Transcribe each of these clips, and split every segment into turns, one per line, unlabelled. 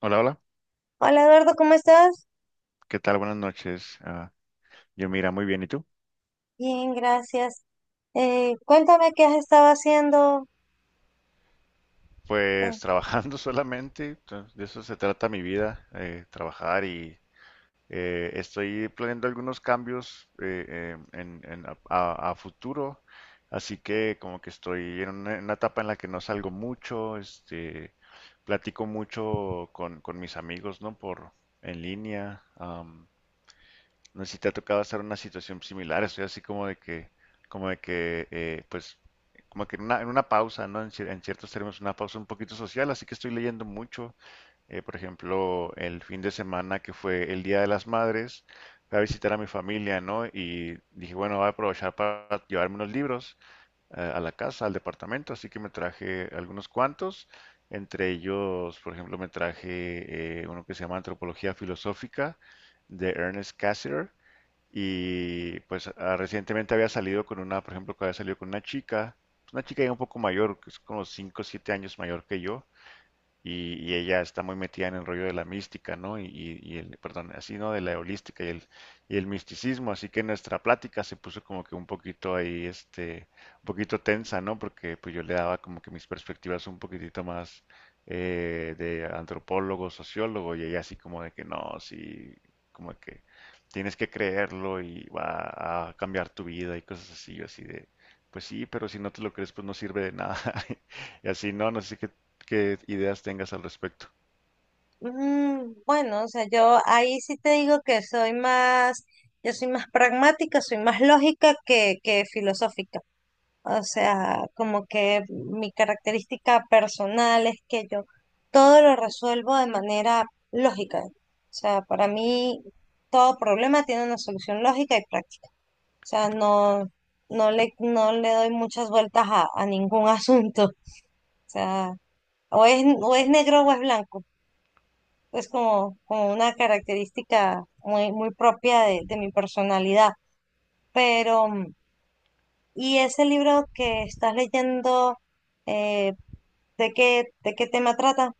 Hola, hola.
Hola Eduardo, ¿cómo estás?
¿Qué tal? Buenas noches. Yo mira, muy bien. ¿Y tú?
Bien, gracias. Cuéntame qué has estado haciendo. Eh,
Pues trabajando solamente. De eso se trata mi vida, trabajar y estoy planeando algunos cambios a futuro. Así que como que estoy en en una etapa en la que no salgo mucho, este, platico mucho con mis amigos, ¿no? Por en línea. No sé si te ha tocado estar en una situación similar, estoy así como de que, pues, como que en en una pausa, ¿no? En ciertos términos, una pausa un poquito social, así que estoy leyendo mucho. Por ejemplo, el fin de semana que fue el Día de las Madres, fui a visitar a mi familia, ¿no? Y dije, bueno, voy a aprovechar para llevarme unos libros a la casa, al departamento, así que me traje algunos cuantos. Entre ellos, por ejemplo, me traje uno que se llama Antropología Filosófica de Ernest Cassirer y pues recientemente había salido con una, por ejemplo, que había salido con una chica ya un poco mayor, que es como 5 o 7 años mayor que yo, y ella está muy metida en el rollo de la mística, ¿no? Y el, perdón, así, ¿no? De la holística y el misticismo, así que nuestra plática se puso como que un poquito ahí, este, un poquito tensa, ¿no? Porque pues yo le daba como que mis perspectivas un poquitito más de antropólogo, sociólogo, y ella así como de que no, sí, como que tienes que creerlo y va a cambiar tu vida y cosas así, yo así de, pues sí, pero si no te lo crees, pues no sirve de nada. Y así, no, no sé qué. ¿Qué ideas tengas al respecto?
bueno, o sea, yo ahí sí te digo que yo soy más pragmática, soy más lógica que filosófica. O sea, como que mi característica personal es que yo todo lo resuelvo de manera lógica. O sea, para mí todo problema tiene una solución lógica y práctica. Sea, no le doy muchas vueltas a ningún asunto. O sea, o es negro o es blanco. Es como una característica muy propia de mi personalidad. Pero, ¿y ese libro que estás leyendo, eh, de qué tema trata?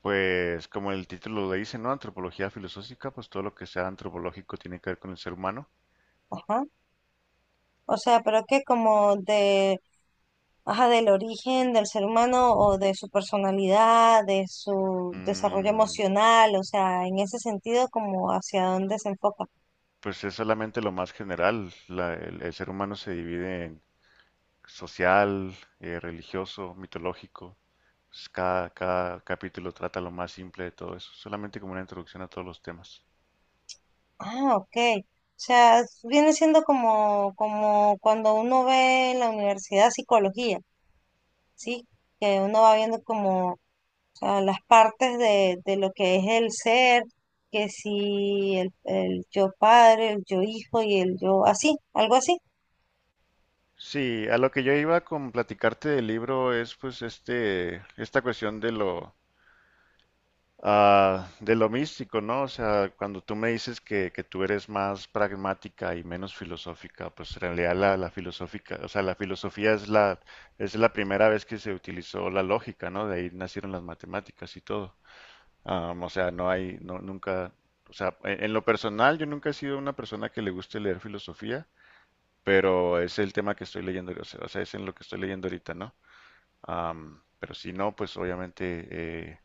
Pues como el título lo dice, ¿no? Antropología filosófica, pues todo lo que sea antropológico tiene que ver con el ser humano.
Ajá. O sea, pero que como de ajá, del origen del ser humano o de su personalidad, de su desarrollo
Mm,
emocional, o sea, en ese sentido, como hacia dónde se enfoca.
pues es solamente lo más general. El ser humano se divide en social, religioso, mitológico. Pues, cada capítulo trata lo más simple de todo eso, solamente como una introducción a todos los temas.
Ah, ok. O sea, viene siendo como, como cuando uno ve en la universidad psicología, ¿sí? Que uno va viendo como, o sea, las partes de lo que es el ser, que si el yo padre, el yo hijo y el yo así, algo así.
Sí, a lo que yo iba con platicarte del libro es pues este, esta cuestión de lo. Ah, de lo místico, ¿no? O sea, cuando tú me dices que tú eres más pragmática y menos filosófica, pues en realidad la filosófica, o sea, la filosofía es la primera vez que se utilizó la lógica, ¿no? De ahí nacieron las matemáticas y todo. Am, o sea, no hay, no, nunca, o sea, en lo personal yo nunca he sido una persona que le guste leer filosofía, pero es el tema que estoy leyendo, o sea, es en lo que estoy leyendo ahorita, ¿no? Am, pero si no, pues obviamente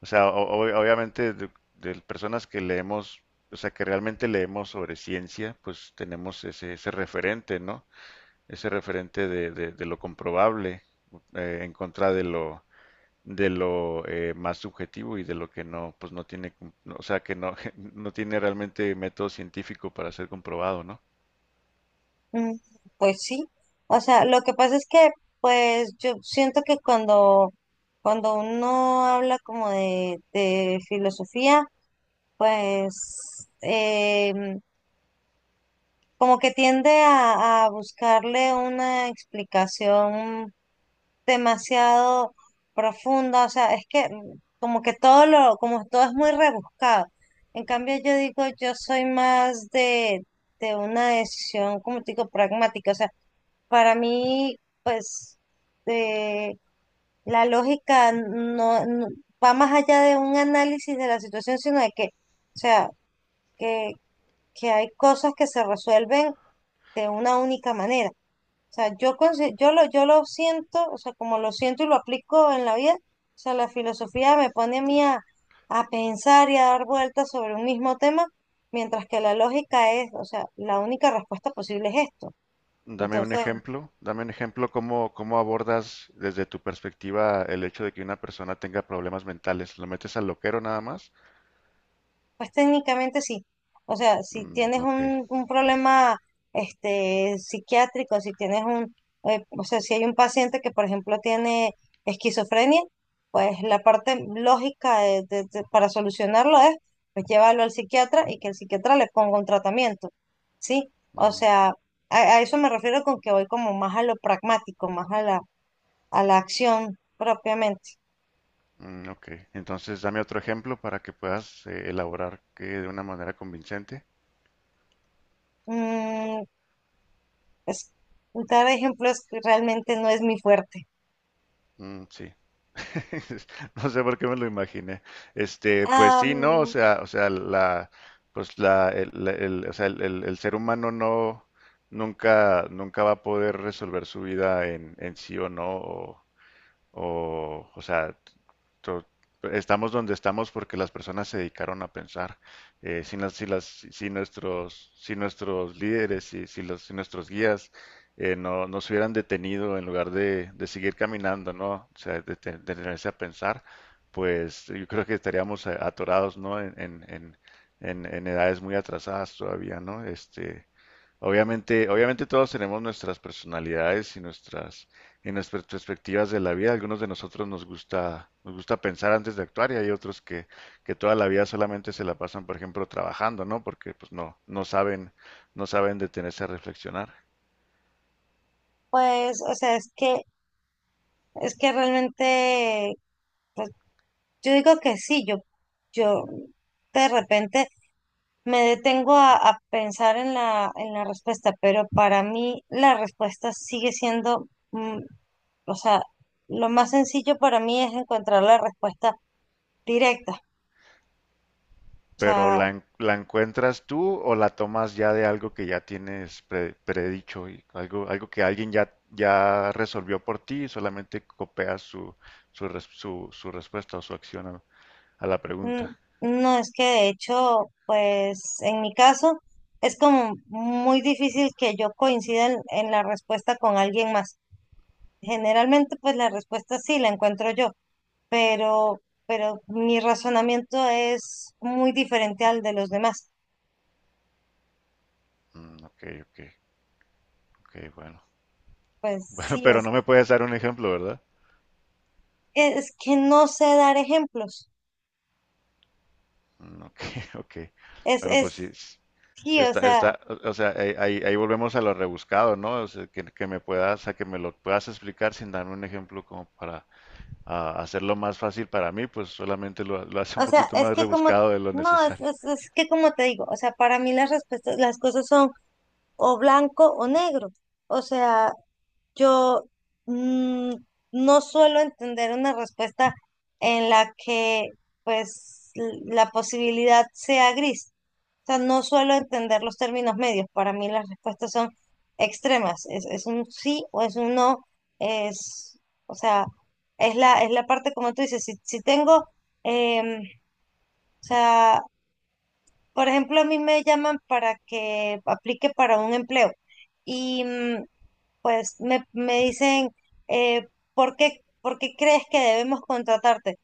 o sea, obviamente de personas que leemos, o sea, que realmente leemos sobre ciencia, pues tenemos ese referente, ¿no? Ese referente de, de lo comprobable en contra de lo más subjetivo y de lo que no, pues no tiene, o sea, que no, no tiene realmente método científico para ser comprobado, ¿no?
Mm, Pues sí, o sea, lo que pasa es pues yo siento que cuando uno habla como de filosofía, pues como que tiende a buscarle una explicación demasiado profunda, o sea, es que como que todo lo, como todo es muy rebuscado. En cambio, yo digo, yo soy más de una decisión, como te digo, pragmática, o sea, para mí, pues, eh, la lógica va más allá de un análisis de la situación, sino de que, o sea, que, que hay cosas que se resuelven de una única manera. O sea, yo lo siento, o sea, como lo siento y lo aplico en la vida, o sea, la filosofía me pone a mí a pensar y a dar vueltas sobre un mismo tema, mientras que la lógica es, o sea, la única respuesta posible es esto. Entonces,
Dame un ejemplo cómo, cómo abordas desde tu perspectiva el hecho de que una persona tenga problemas mentales. ¿Lo metes al loquero nada más?
pues técnicamente sí. O sea, si
Mm,
tienes
ok.
un problema este, psiquiátrico, si tienes un, o sea, si hay un paciente que, por ejemplo, tiene esquizofrenia, pues la parte lógica para solucionarlo es, pues llevarlo al psiquiatra y que el psiquiatra le ponga un tratamiento, ¿sí? O
Ujú.
sea, a eso me refiero con que voy como más a lo pragmático, más a a la acción propiamente.
Mm, ok. Entonces, dame otro ejemplo para que puedas elaborar que de una manera convincente.
Mm, pues, dar ejemplos realmente no es mi fuerte.
Mm, sí. No sé por qué me lo imaginé. Este, pues sí, no,
Am,
o sea, la, pues la, el, o sea, el, el ser humano no, nunca, nunca va a poder resolver su vida en sí o no. O sea, to- estamos donde estamos porque las personas se dedicaron a pensar. Si, las, si, las, si nuestros, si nuestros líderes, si, si, los, si nuestros guías no, no se hubieran detenido en lugar de seguir caminando, ¿no? O sea, de, de detenerse a pensar, pues yo creo que estaríamos atorados, ¿no? En, en edades muy atrasadas todavía, ¿no? Este, obviamente, obviamente todos tenemos nuestras personalidades y nuestras perspectivas de la vida. Algunos de nosotros nos gusta pensar antes de actuar y hay otros que toda la vida solamente se la pasan, por ejemplo, trabajando, ¿no? Porque pues no, no saben, no saben detenerse a reflexionar.
pues, o sea, es es que realmente, pues, yo digo que sí, yo de repente me detengo a pensar en en la respuesta, pero para mí la respuesta sigue siendo, mm, o sea, lo más sencillo para mí es encontrar la respuesta directa. O
Pero
sea,
la, la encuentras tú o la tomas ya de algo que ya tienes predicho y algo, algo que alguien ya, ya resolvió por ti y solamente copias su, su, su, su respuesta o su acción a la
mm,
pregunta.
no es que de hecho, pues, en mi caso, es como muy difícil que yo coincida en la respuesta con alguien más. Generalmente, pues la respuesta sí la encuentro yo, pero, pero mi razonamiento es muy diferente al de los demás.
Mm, ok, ok, ok, bueno.
Pues
Bueno,
sí,
pero no me puedes dar un ejemplo, ¿verdad?
es que no sé dar ejemplos.
Mm, ok, ok.
Es,
Bueno, pues sí,
es, sí,
está, está, o sea, ahí, ahí volvemos a lo rebuscado, ¿no? O sea, que me puedas, a que me lo puedas explicar sin darme un ejemplo como para hacerlo más fácil para mí, pues solamente lo hace un
o sea,
poquito
es
más
que como,
rebuscado de lo
no,
necesario.
es que como te digo, o sea, para mí las respuestas, las cosas son o blanco o negro. O sea, yo mm, no suelo entender una respuesta en la que pues la posibilidad sea gris. O sea, no suelo entender los términos medios. Para mí las respuestas son extremas. Es un sí o es un no. Es, o sea, es la parte como tú dices. Si tengo, em, o sea, por ejemplo, a mí me llaman para que aplique para un empleo. Y pues me dicen, eh, por qué crees que debemos contratarte?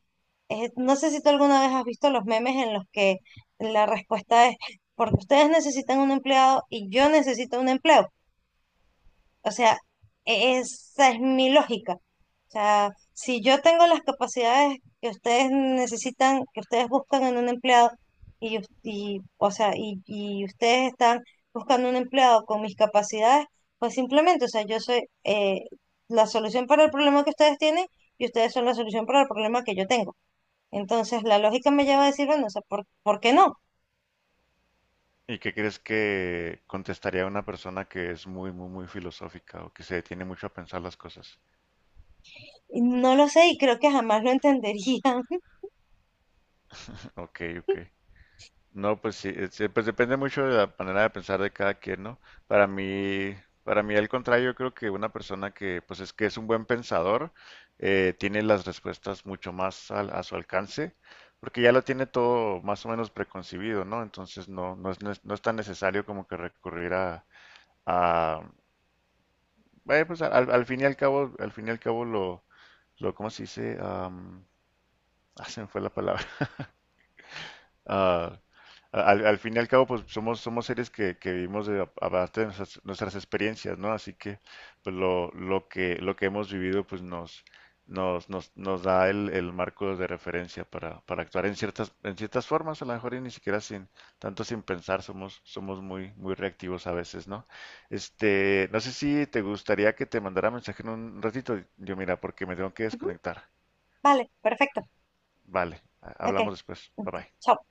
No sé si tú alguna vez has visto los memes en los que la respuesta es, porque ustedes necesitan un empleado y yo necesito un empleo. O sea, esa es mi lógica. O sea, si yo tengo las capacidades que ustedes necesitan, que ustedes buscan en un empleado, o sea, y ustedes están buscando un empleado con mis capacidades, pues simplemente, o sea, yo soy la solución para el problema que ustedes tienen y ustedes son la solución para el problema que yo tengo. Entonces, la lógica me lleva a decir, bueno, o sea, ¿por qué no?
¿Y qué crees que contestaría una persona que es muy, muy, muy filosófica o que se detiene mucho a pensar las cosas?
Y no lo sé y creo que jamás lo entenderían.
Ok, ok. No, pues sí, pues depende mucho de la manera de pensar de cada quien, ¿no? Para mí, para mí al contrario, yo creo que una persona que, pues es que es un buen pensador, tiene las respuestas mucho más a su alcance, porque ya lo tiene todo más o menos preconcebido, ¿no? Entonces no, no es, no es tan necesario como que recurrir a pues al, al fin y al cabo, al fin y al cabo lo, ¿cómo se dice? Am, ah, se me fue la palabra. Ah, al, al fin y al cabo, pues somos, somos seres que vivimos de, a base de nuestras, nuestras experiencias, ¿no? Así que pues lo que hemos vivido, pues nos, nos, nos, nos da el marco de referencia para actuar en ciertas formas, a lo mejor y ni siquiera sin, tanto sin pensar, somos, somos muy, muy reactivos a veces, ¿no? Este, no sé si te gustaría que te mandara mensaje en un ratito, yo mira, porque me tengo que desconectar.
Vale, perfecto.
Vale,
Ok,
hablamos después. Bye
ok,
bye.
chao.